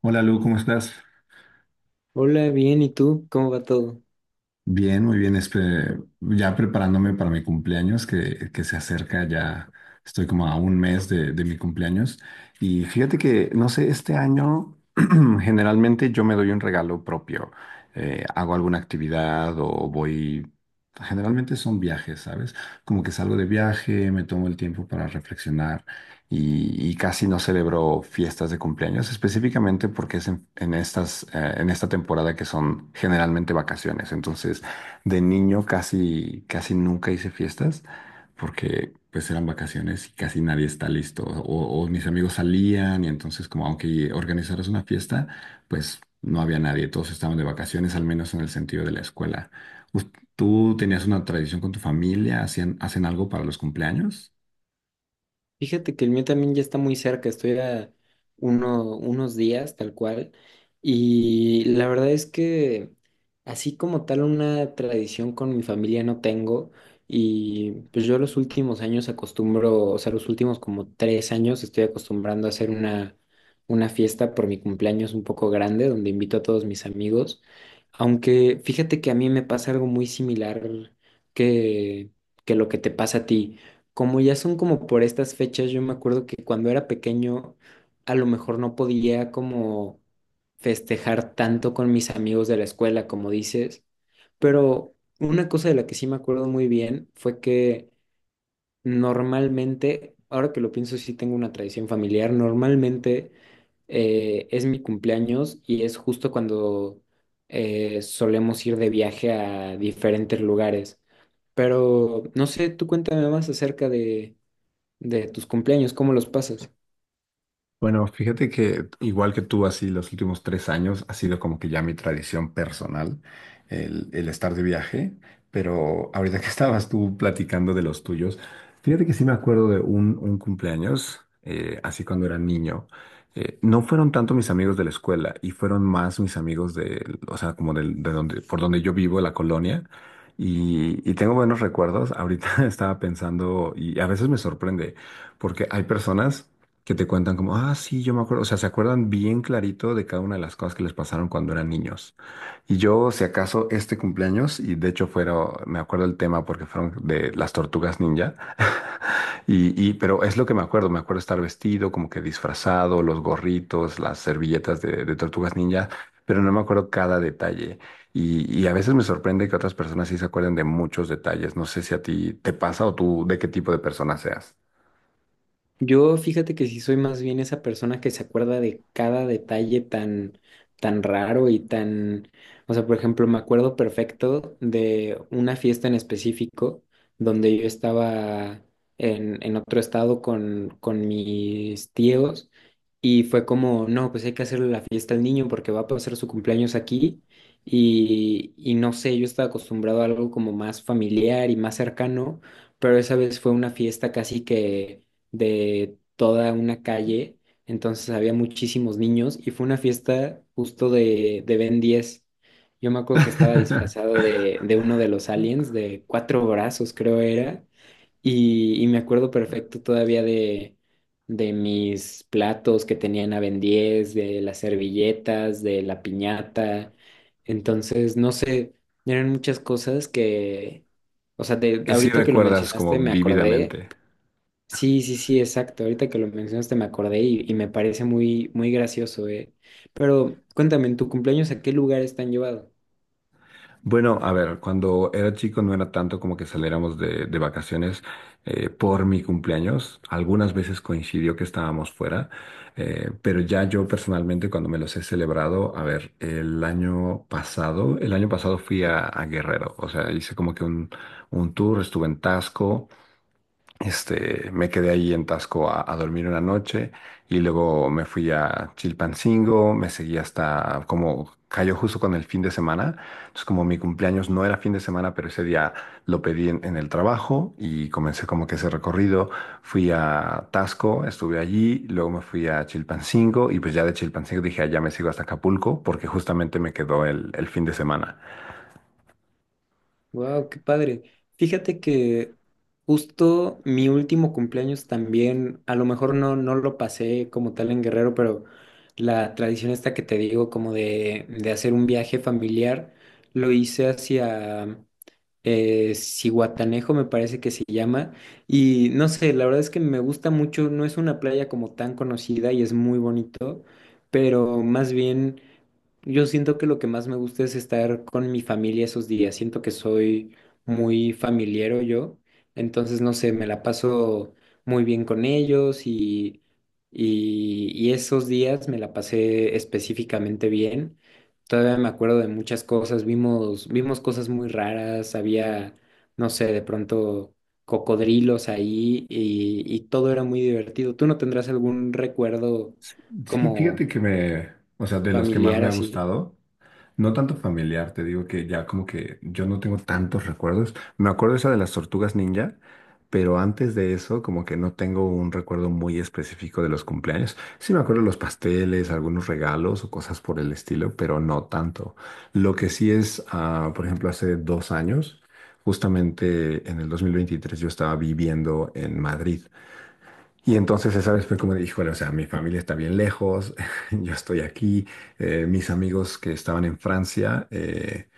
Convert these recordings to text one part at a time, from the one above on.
Hola Lu, ¿cómo estás? Hola, bien, ¿y tú? ¿Cómo va todo? Bien, muy bien. Ya preparándome para mi cumpleaños que se acerca, ya estoy como a 1 mes de mi cumpleaños. Y fíjate que, no sé, este año generalmente yo me doy un regalo propio. Hago alguna actividad o voy... Generalmente son viajes, ¿sabes? Como que salgo de viaje, me tomo el tiempo para reflexionar y casi no celebró fiestas de cumpleaños, específicamente porque es en estas, en esta temporada que son generalmente vacaciones. Entonces, de niño casi, casi nunca hice fiestas porque pues eran vacaciones y casi nadie está listo. O mis amigos salían y entonces como aunque organizaras una fiesta, pues no había nadie, todos estaban de vacaciones, al menos en el sentido de la escuela. ¿Us- ¿Tú tenías una tradición con tu familia? ¿Hacen algo para los cumpleaños? Fíjate que el mío también ya está muy cerca, estoy a unos días tal cual. Y la verdad es que así como tal una tradición con mi familia no tengo. Y pues yo los últimos años acostumbro, o sea, los últimos como tres años estoy acostumbrando a hacer una fiesta por mi cumpleaños un poco grande donde invito a todos mis amigos. Aunque fíjate que a mí me pasa algo muy similar que, que lo que te pasa a ti, como ya son como por estas fechas. Yo me acuerdo que cuando era pequeño a lo mejor no podía como festejar tanto con mis amigos de la escuela, como dices, pero una cosa de la que sí me acuerdo muy bien fue que normalmente, ahora que lo pienso, sí tengo una tradición familiar. Normalmente es mi cumpleaños y es justo cuando solemos ir de viaje a diferentes lugares. Pero no sé, tú cuéntame más acerca de tus cumpleaños, ¿cómo los pasas? Bueno, fíjate que igual que tú, así los últimos 3 años ha sido como que ya mi tradición personal el estar de viaje, pero ahorita que estabas tú platicando de los tuyos, fíjate que sí me acuerdo de un cumpleaños, así cuando era niño. No fueron tanto mis amigos de la escuela y fueron más mis amigos de, o sea, como del- de, donde, por donde yo vivo, la colonia. Y tengo buenos recuerdos. Ahorita estaba pensando, y a veces me sorprende, porque hay personas que te cuentan como, ah, sí, yo me acuerdo, o sea, se acuerdan bien clarito de cada una de las cosas que les pasaron cuando eran niños. Y yo, si acaso, este cumpleaños, y de hecho fueron, me acuerdo el tema porque fueron de las tortugas ninja, pero es lo que me acuerdo estar vestido, como que disfrazado, los gorritos, las servilletas de tortugas ninja, pero no me acuerdo cada detalle. Y a veces me sorprende que otras personas sí se acuerden de muchos detalles. No sé si a ti te pasa o tú de qué tipo de persona seas. Yo fíjate que sí soy más bien esa persona que se acuerda de cada detalle tan, tan raro y tan, o sea, por ejemplo, me acuerdo perfecto de una fiesta en específico donde yo estaba en otro estado con mis tíos, y fue como, no, pues hay que hacerle la fiesta al niño porque va a pasar su cumpleaños aquí. Y, y no sé, yo estaba acostumbrado a algo como más familiar y más cercano, pero esa vez fue una fiesta casi que de toda una calle. Entonces había muchísimos niños y fue una fiesta justo de Ben 10. Yo me acuerdo que estaba disfrazado de uno de los aliens, de cuatro brazos creo era, y me acuerdo perfecto todavía de mis platos que tenían a Ben 10, de las servilletas, de la piñata. Entonces no sé, eran muchas cosas que... O sea, de, Que sí ahorita que lo recuerdas mencionaste como me acordé. vívidamente. Sí, sí, sí, exacto. Ahorita que lo mencionaste me acordé y me parece muy, muy gracioso, eh. Pero cuéntame, ¿en tu cumpleaños a qué lugares te han llevado? Bueno, a ver, cuando era chico no era tanto como que saliéramos de vacaciones por mi cumpleaños. Algunas veces coincidió que estábamos fuera, pero ya yo personalmente cuando me los he celebrado, a ver, el año pasado fui a Guerrero, o sea, hice como que un tour, estuve en Tasco. Este, me quedé ahí en Tasco a dormir una noche y luego me fui a Chilpancingo, me seguí hasta como cayó justo con el fin de semana. Entonces, como mi cumpleaños no era fin de semana, pero ese día lo pedí en el trabajo y comencé como que ese recorrido. Fui a Tasco, estuve allí, luego me fui a Chilpancingo y pues ya de Chilpancingo dije, "Ah, ya me sigo hasta Acapulco porque justamente me quedó el fin de semana." Wow, qué padre. Fíjate que justo mi último cumpleaños también, a lo mejor no, no lo pasé como tal en Guerrero, pero la tradición esta que te digo, como de hacer un viaje familiar, lo hice hacia Cihuatanejo me parece que se llama. Y no sé, la verdad es que me gusta mucho, no es una playa como tan conocida y es muy bonito, pero más bien yo siento que lo que más me gusta es estar con mi familia esos días. Siento que soy muy familiero yo. Entonces, no sé, me la paso muy bien con ellos y, y esos días me la pasé específicamente bien. Todavía me acuerdo de muchas cosas. Vimos, vimos cosas muy raras. Había, no sé, de pronto cocodrilos ahí y todo era muy divertido. ¿Tú no tendrás algún recuerdo Sí, fíjate como que me, o sea, de los que más familiar me ha así? gustado. No tanto familiar, te digo que ya como que yo no tengo tantos recuerdos. Me acuerdo esa de las tortugas ninja, pero antes de eso como que no tengo un recuerdo muy específico de los cumpleaños. Sí me acuerdo de los pasteles, algunos regalos o cosas por el estilo, pero no tanto. Lo que sí es, ah, por ejemplo, hace 2 años, justamente en el 2023 yo estaba viviendo en Madrid. Y entonces esa vez fue como de, híjole, o sea, mi familia está bien lejos, yo estoy aquí, mis amigos que estaban en Francia,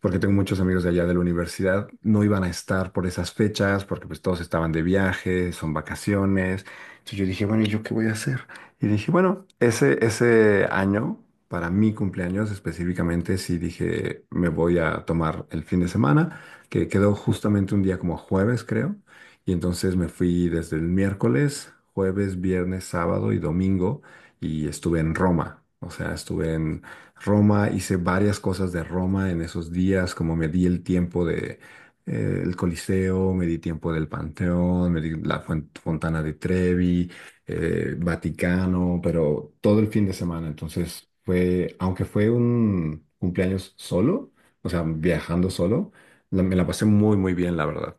porque tengo muchos amigos de allá de la universidad, no iban a estar por esas fechas, porque pues todos estaban de viaje, son vacaciones. Entonces yo dije, bueno, ¿y yo qué voy a hacer? Y dije, bueno, ese año, para mi cumpleaños específicamente, sí dije, me voy a tomar el fin de semana, que quedó justamente un día como jueves, creo. Y entonces me fui desde el miércoles, jueves, viernes, sábado y domingo, y estuve en Roma. O sea, estuve en Roma, hice varias cosas de Roma en esos días, como me di el tiempo de el Coliseo, me di tiempo del Panteón, me di Fontana de Trevi, Vaticano, pero todo el fin de semana. Entonces fue, aunque fue un cumpleaños solo, o sea, viajando solo, me la pasé muy, muy bien, la verdad.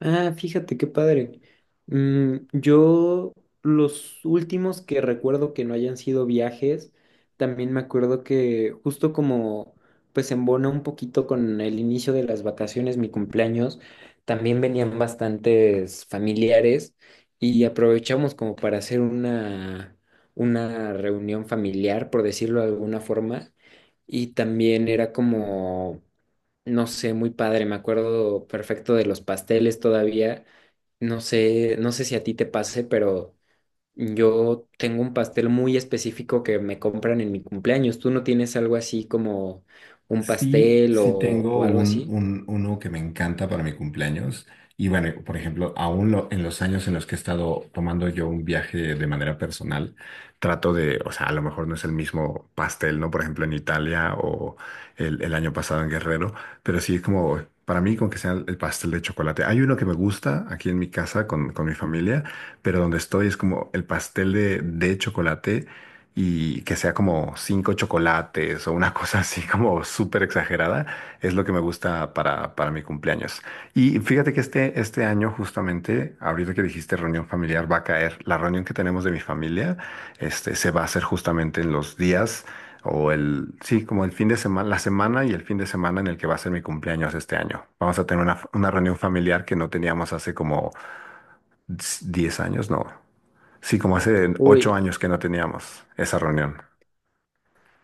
Ah, fíjate qué padre. Mm, yo los últimos que recuerdo que no hayan sido viajes, también me acuerdo que justo como pues embona un poquito con el inicio de las vacaciones, mi cumpleaños, también venían bastantes familiares y aprovechamos como para hacer una reunión familiar, por decirlo de alguna forma, y también era como no sé, muy padre, me acuerdo perfecto de los pasteles todavía. No sé, no sé si a ti te pase, pero yo tengo un pastel muy específico que me compran en mi cumpleaños. ¿Tú no tienes algo así como un Sí, pastel sí o tengo algo un, así? Uno que me encanta para mi cumpleaños. Y bueno, por ejemplo, en los años en los que he estado tomando yo un viaje de manera personal, trato de, o sea, a lo mejor no es el mismo pastel, ¿no? Por ejemplo, en Italia o el año pasado en Guerrero, pero sí es como, para mí, con que sea el pastel de chocolate. Hay uno que me gusta aquí en mi casa con mi familia, pero donde estoy es como el pastel de chocolate y que sea como cinco chocolates o una cosa así como súper exagerada, es lo que me gusta para mi cumpleaños. Y fíjate que este año justamente, ahorita que dijiste reunión familiar, va a caer. La reunión que tenemos de mi familia, este, se va a hacer justamente en los días o el, sí, como el fin de semana, la semana y el fin de semana en el que va a ser mi cumpleaños este año. Vamos a tener una reunión familiar que no teníamos hace como 10 años, no. Sí, como hace 8 Uy, años que no teníamos esa reunión.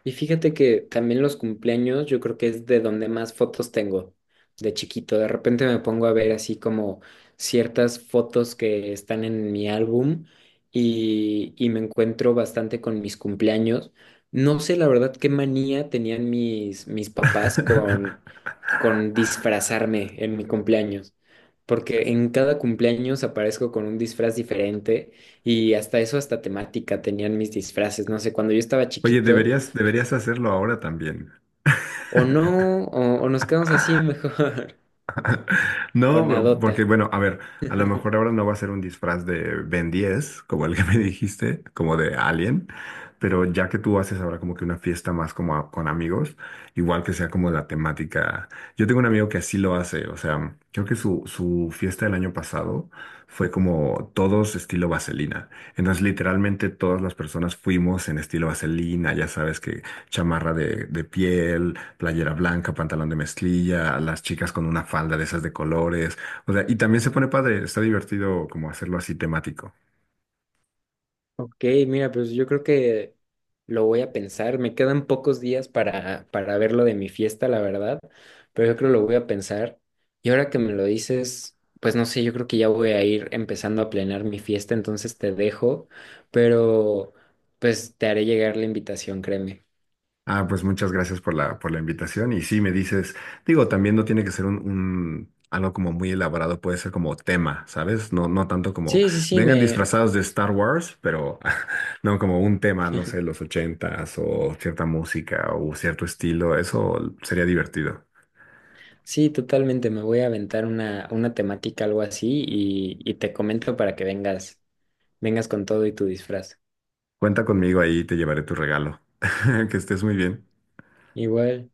y fíjate que también los cumpleaños yo creo que es de donde más fotos tengo de chiquito. De repente me pongo a ver así como ciertas fotos que están en mi álbum y me encuentro bastante con mis cumpleaños. No sé la verdad qué manía tenían mis, mis papás con disfrazarme en mi cumpleaños. Porque en cada cumpleaños aparezco con un disfraz diferente y hasta eso, hasta temática tenían mis disfraces. No sé, cuando yo estaba Oye, chiquito deberías, deberías hacerlo ahora también. o no, o nos quedamos así mejor. O No, porque nadota. bueno, a ver, a lo mejor ahora no va a ser un disfraz de Ben 10, como el que me dijiste, como de Alien, pero ya que tú haces ahora como que una fiesta más como con amigos, igual que sea como la temática. Yo tengo un amigo que así lo hace, o sea, creo que su fiesta del año pasado fue como todos estilo vaselina. Entonces, literalmente todas las personas fuimos en estilo vaselina, ya sabes que chamarra de piel, playera blanca, pantalón de mezclilla, las chicas con una falda de esas de colores. O sea, y también se pone padre, está divertido como hacerlo así temático. Ok, mira, pues yo creo que lo voy a pensar. Me quedan pocos días para ver lo de mi fiesta, la verdad, pero yo creo que lo voy a pensar. Y ahora que me lo dices, pues no sé, yo creo que ya voy a ir empezando a planear mi fiesta, entonces te dejo, pero pues te haré llegar la invitación, créeme. Ah, pues muchas gracias por la invitación. Y sí, me dices, digo, también no tiene que ser un, algo como muy elaborado, puede ser como tema, ¿sabes? No, no tanto como Sí, sí, sí, vengan me, disfrazados de Star Wars, pero no como un tema, no sé, los ochentas o cierta música o cierto estilo. Eso sería divertido. sí, totalmente. Me voy a aventar una temática, algo así, y te comento para que vengas, vengas con todo y tu disfraz. Cuenta conmigo ahí, te llevaré tu regalo. Que estés muy bien. Igual.